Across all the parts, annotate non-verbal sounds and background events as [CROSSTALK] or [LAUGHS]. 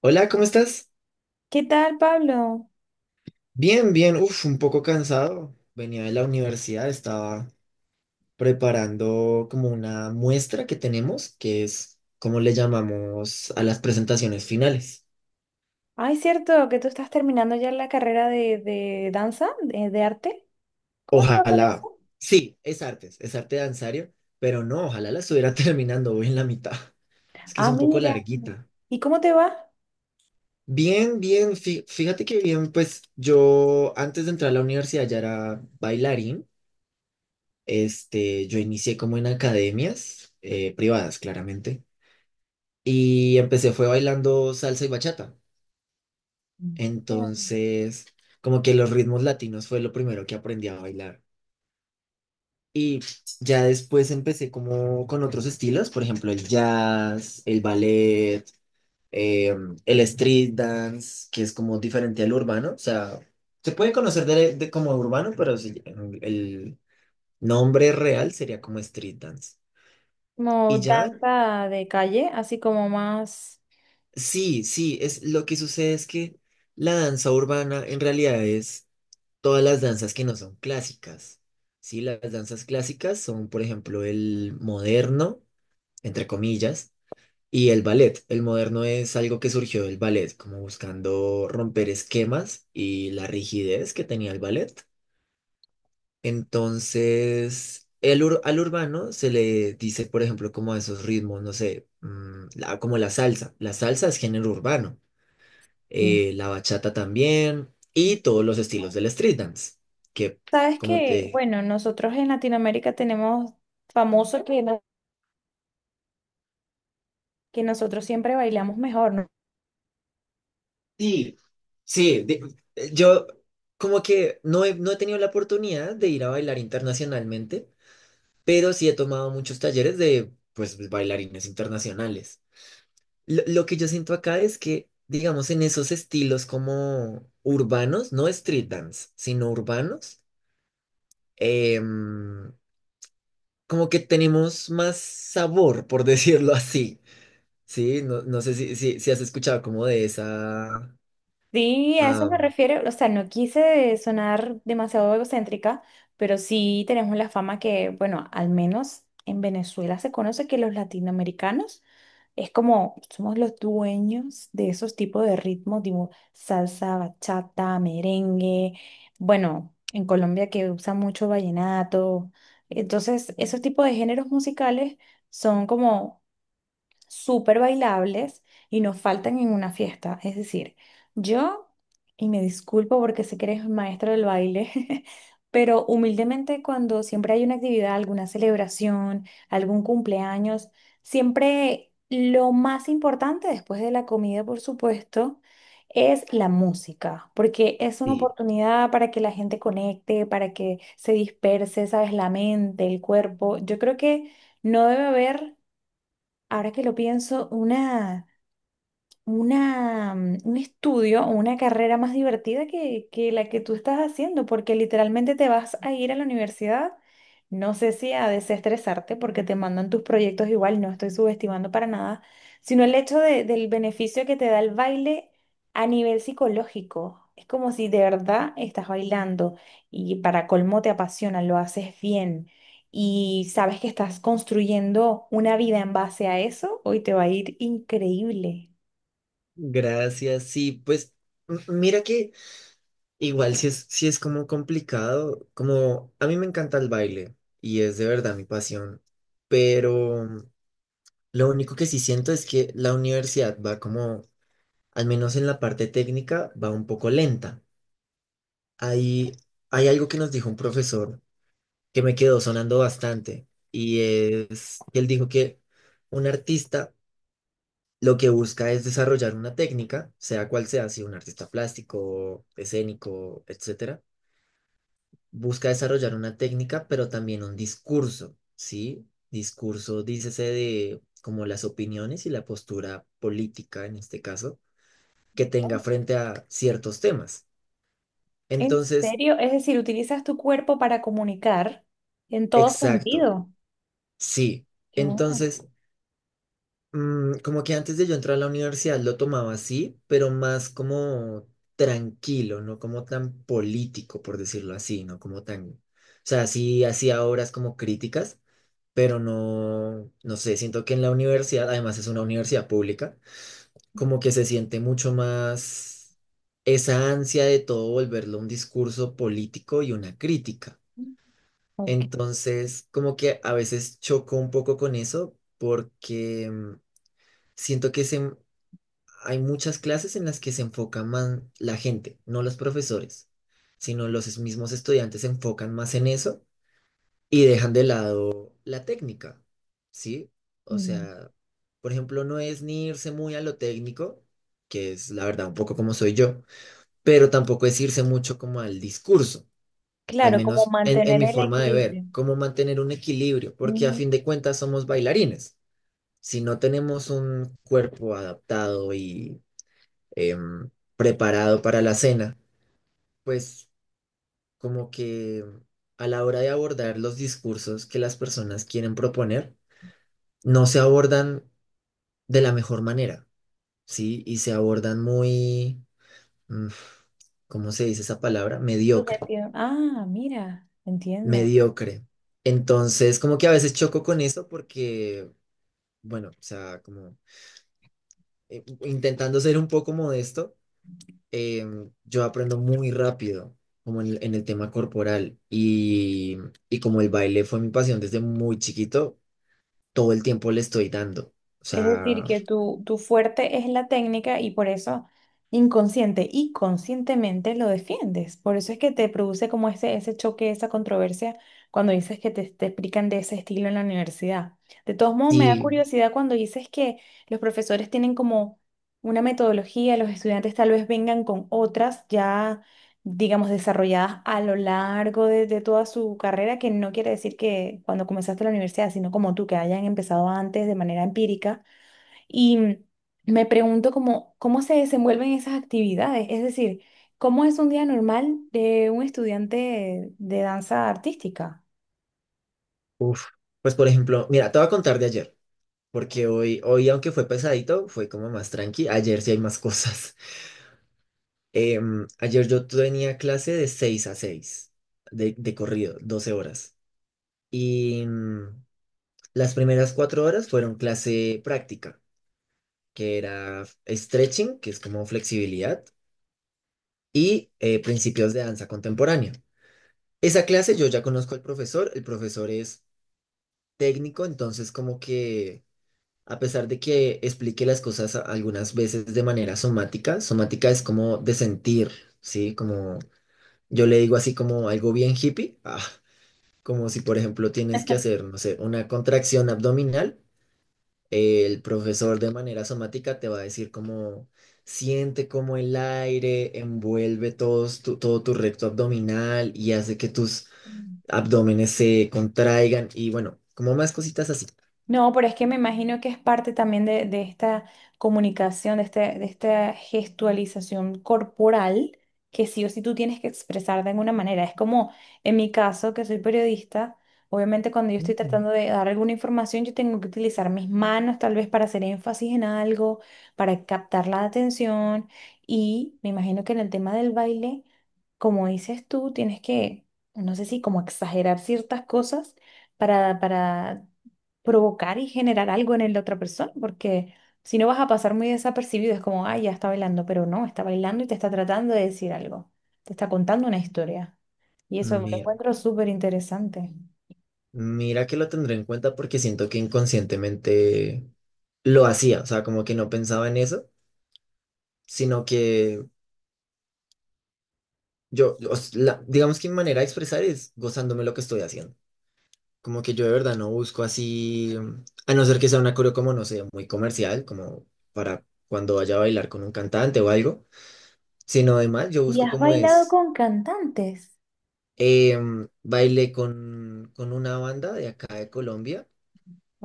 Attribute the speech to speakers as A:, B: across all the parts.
A: Hola, ¿cómo estás?
B: ¿Qué tal, Pablo?
A: Bien, bien, uf, un poco cansado. Venía de la universidad, estaba preparando como una muestra que tenemos, que es como le llamamos a las presentaciones finales.
B: Ay, cierto que tú estás terminando ya la carrera de danza, de arte. ¿Cómo te va con
A: Ojalá,
B: eso?
A: sí, es artes, es arte danzario, pero no, ojalá la estuviera [LAUGHS] terminando hoy en la mitad. Es que es
B: Ah,
A: un poco
B: mira.
A: larguita.
B: ¿Y cómo te va?
A: Bien, bien, fíjate que bien, pues yo antes de entrar a la universidad ya era bailarín. Este, yo inicié como en academias privadas, claramente, y empecé fue bailando salsa y bachata.
B: Mira.
A: Entonces, como que los ritmos latinos fue lo primero que aprendí a bailar. Y ya después empecé como con otros estilos, por ejemplo, el jazz, el ballet, eh, el street dance, que es como diferente al urbano. O sea, se puede conocer de como urbano, pero sí, el nombre real sería como street dance.
B: Como
A: Y ya
B: danza de calle, así como más...
A: sí, sí, es lo que sucede es que la danza urbana en realidad es todas las danzas que no son clásicas. Sí, las danzas clásicas son, por ejemplo, el moderno, entre comillas, y el ballet. El moderno es algo que surgió del ballet, como buscando romper esquemas y la rigidez que tenía el ballet. Entonces, al urbano se le dice, por ejemplo, como a esos ritmos, no sé, como la salsa. La salsa es género urbano,
B: Sí.
A: la bachata también y todos los estilos del street dance, que
B: Sabes
A: como
B: que,
A: te...
B: bueno, nosotros en Latinoamérica tenemos famoso que nosotros siempre bailamos mejor.
A: Sí, sí, yo como que no he tenido la oportunidad de ir a bailar internacionalmente, pero sí he tomado muchos talleres de pues bailarines internacionales. Lo que yo siento acá es que, digamos, en esos estilos como urbanos, no street dance, sino urbanos, em, como que tenemos más sabor, por [LAUGHS] decirlo así. Sí, no, no sé si has escuchado como de esa...
B: Sí, a eso me
A: am,
B: refiero. O sea, no quise sonar demasiado egocéntrica, pero sí tenemos la fama que, bueno, al menos en Venezuela se conoce que los latinoamericanos es como somos los dueños de esos tipos de ritmos, tipo salsa, bachata, merengue. Bueno, en Colombia que usa mucho vallenato. Entonces, esos tipos de géneros musicales son como súper bailables y no faltan en una fiesta. Es decir, yo, y me disculpo porque sé que eres maestro del baile, [LAUGHS] pero humildemente cuando siempre hay una actividad, alguna celebración, algún cumpleaños, siempre lo más importante después de la comida, por supuesto, es la música, porque es una
A: sí,
B: oportunidad para que la gente conecte, para que se disperse, sabes, la mente, el cuerpo. Yo creo que no debe haber. Ahora que lo pienso, un estudio o una carrera más divertida que la que tú estás haciendo, porque literalmente te vas a ir a la universidad, no sé si a desestresarte, porque te mandan tus proyectos igual, no estoy subestimando para nada, sino el hecho del beneficio que te da el baile a nivel psicológico. Es como si de verdad estás bailando y para colmo te apasiona, lo haces bien. Y sabes que estás construyendo una vida en base a eso, hoy te va a ir increíble.
A: gracias, sí, pues mira que igual si es, si es como complicado, como a mí me encanta el baile y es de verdad mi pasión, pero lo único que sí siento es que la universidad va como, al menos en la parte técnica, va un poco lenta. Hay, hay algo que nos dijo un profesor que me quedó sonando bastante y es que él dijo que un artista lo que busca es desarrollar una técnica, sea cual sea, si un artista plástico, escénico, etcétera, busca desarrollar una técnica, pero también un discurso, ¿sí? Discurso, dícese de como las opiniones y la postura política, en este caso, que tenga
B: Oh,
A: frente a ciertos temas.
B: ¿en
A: Entonces,
B: serio? Es decir, utilizas tu cuerpo para comunicar en todo
A: exacto,
B: sentido.
A: sí.
B: Qué bueno.
A: Entonces, mm, como que antes de yo entrar a la universidad lo tomaba así, pero más como tranquilo, no como tan político, por decirlo así, no como tan... O sea, sí hacía obras como críticas, pero no, no sé, siento que en la universidad, además es una universidad pública, como que se siente mucho más esa ansia de todo volverlo un discurso político y una crítica.
B: Ok.
A: Entonces, como que a veces choco un poco con eso porque... siento hay muchas clases en las que se enfoca más la gente, no los profesores, sino los mismos estudiantes se enfocan más en eso y dejan de lado la técnica, ¿sí? O
B: Mm.
A: sea, por ejemplo, no es ni irse muy a lo técnico, que es la verdad un poco como soy yo, pero tampoco es irse mucho como al discurso, al
B: Claro, como
A: menos en
B: mantener
A: mi
B: el
A: forma de ver,
B: equilibrio.
A: cómo mantener un equilibrio, porque a
B: Mm.
A: fin de cuentas somos bailarines. Si no tenemos un cuerpo adaptado y em, preparado para la cena, pues como que a la hora de abordar los discursos que las personas quieren proponer, no se abordan de la mejor manera, ¿sí? Y se abordan muy, mm, ¿cómo se dice esa palabra? Mediocre,
B: Subjetivo. Ah, mira, entiendo.
A: mediocre. Entonces, como que a veces choco con eso porque, bueno, o sea, como intentando ser un poco modesto, yo aprendo muy rápido, como el en el tema corporal. Y como el baile fue mi pasión desde muy chiquito, todo el tiempo le estoy dando. O
B: Es decir,
A: sea,
B: que tu fuerte es la técnica y por eso inconsciente y conscientemente lo defiendes. Por eso es que te produce como ese choque, esa controversia cuando dices que te explican de ese estilo en la universidad. De todos modos, me da
A: sí,
B: curiosidad cuando dices que los profesores tienen como una metodología, los estudiantes tal vez vengan con otras ya, digamos, desarrolladas a lo largo de toda su carrera, que no quiere decir que cuando comenzaste la universidad, sino como tú, que hayan empezado antes de manera empírica y me pregunto cómo, cómo se desenvuelven esas actividades, es decir, cómo es un día normal de un estudiante de danza artística.
A: uff. Pues por ejemplo, mira, te voy a contar de ayer, porque hoy, hoy aunque fue pesadito, fue como más tranqui. Ayer sí hay más cosas. [LAUGHS] Em, ayer yo tenía clase de 6 a 6 de corrido, 12 horas. Y las primeras 4 horas fueron clase práctica, que era stretching, que es como flexibilidad, y principios de danza contemporánea. Esa clase yo ya conozco al profesor, el profesor es técnico, entonces como que a pesar de que explique las cosas algunas veces de manera somática, somática es como de sentir, ¿sí? Como yo le digo así como algo bien hippie, [LAUGHS] ah, como si por ejemplo tienes que hacer, no sé, una contracción abdominal. El profesor de manera somática te va a decir cómo siente cómo el aire envuelve todo tu recto abdominal y hace que tus abdómenes se contraigan y bueno, como más cositas así.
B: No, pero es que me imagino que es parte también de esta comunicación, de, este, de esta gestualización corporal, que sí o sí tú tienes que expresar de alguna manera. Es como en mi caso, que soy periodista, obviamente cuando yo estoy
A: Mm.
B: tratando de dar alguna información, yo tengo que utilizar mis manos tal vez para hacer énfasis en algo, para captar la atención. Y me imagino que en el tema del baile, como dices tú, tienes que, no sé si como exagerar ciertas cosas para provocar y generar algo en la otra persona, porque si no vas a pasar muy desapercibido, es como, ay, ya está bailando, pero no, está bailando y te está tratando de decir algo, te está contando una historia. Y eso lo
A: Mira,
B: encuentro súper interesante.
A: mira que lo tendré en cuenta porque siento que inconscientemente lo hacía, o sea, como que no pensaba en eso, sino que digamos que mi manera de expresar es gozándome lo que estoy haciendo. Como que yo de verdad no busco así, mm, a no ser que sea una coreo como, no sé, muy comercial, como para cuando vaya a bailar con un cantante o algo, sino además yo
B: ¿Y
A: busco
B: has
A: como
B: bailado
A: es,
B: con cantantes?
A: bailé con una banda de acá de Colombia,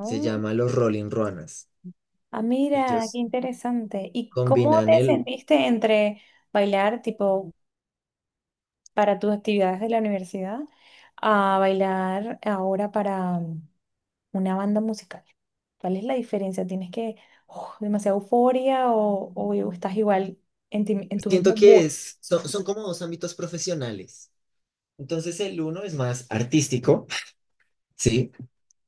A: se llama Los Rolling Ruanas.
B: ah, mira, qué
A: Ellos
B: interesante. ¿Y cómo
A: combinan
B: te
A: el,
B: sentiste entre bailar tipo para tus actividades de la universidad a bailar ahora para una banda musical? ¿Cuál es la diferencia? ¿Tienes que, oh, demasiada euforia o estás igual en, en tu
A: siento
B: mismo
A: que
B: mood?
A: es, son como dos ámbitos profesionales. Entonces el uno es más artístico, [LAUGHS] ¿sí?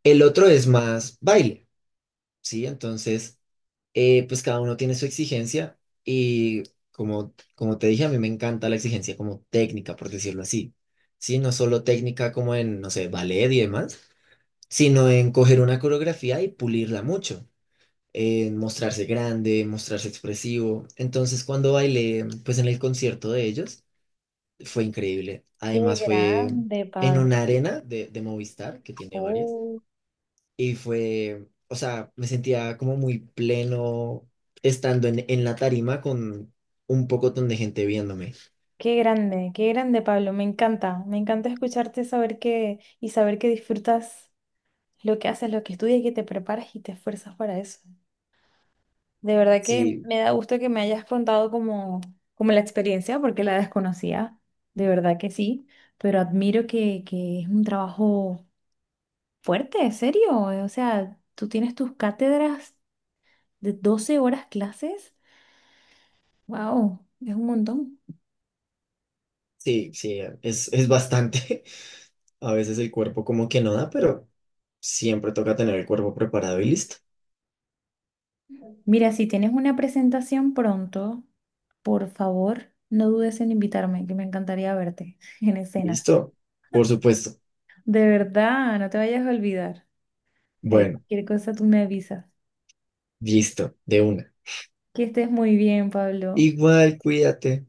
A: El otro es más baile, ¿sí? Entonces... pues cada uno tiene su exigencia y como, como te dije, a mí me encanta la exigencia como técnica, por decirlo así. Sí, no solo técnica como en, no sé, ballet y demás, sino en coger una coreografía y pulirla mucho, en mostrarse grande, mostrarse expresivo. Entonces, cuando bailé, pues en el concierto de ellos, fue increíble.
B: Qué
A: Además, fue
B: grande,
A: en
B: Pablo.
A: una arena de Movistar, que tiene varias.
B: Oh,
A: Y fue, o sea, me sentía como muy pleno estando en la tarima con un pocotón de gente viéndome.
B: qué grande, Pablo. Me encanta escucharte saber que y saber que disfrutas lo que haces, lo que estudias, y que te preparas y te esfuerzas para eso. De verdad que
A: Sí,
B: me da gusto que me hayas contado como, como la experiencia, porque la desconocía. De verdad que sí, pero admiro que es un trabajo fuerte, ¿serio? O sea, tú tienes tus cátedras de 12 horas clases. Wow, es un montón.
A: sí, sí, es bastante. [LAUGHS] A veces el cuerpo como que no da, pero siempre toca tener el cuerpo preparado y listo.
B: Mira, si tienes una presentación pronto, por favor, no dudes en invitarme, que me encantaría verte [LAUGHS] en escena.
A: Listo, por supuesto.
B: De verdad, no te vayas a olvidar. Ahí,
A: Bueno,
B: cualquier cosa tú me avisas.
A: listo, de una.
B: Que estés muy bien, Pablo.
A: Igual, cuídate.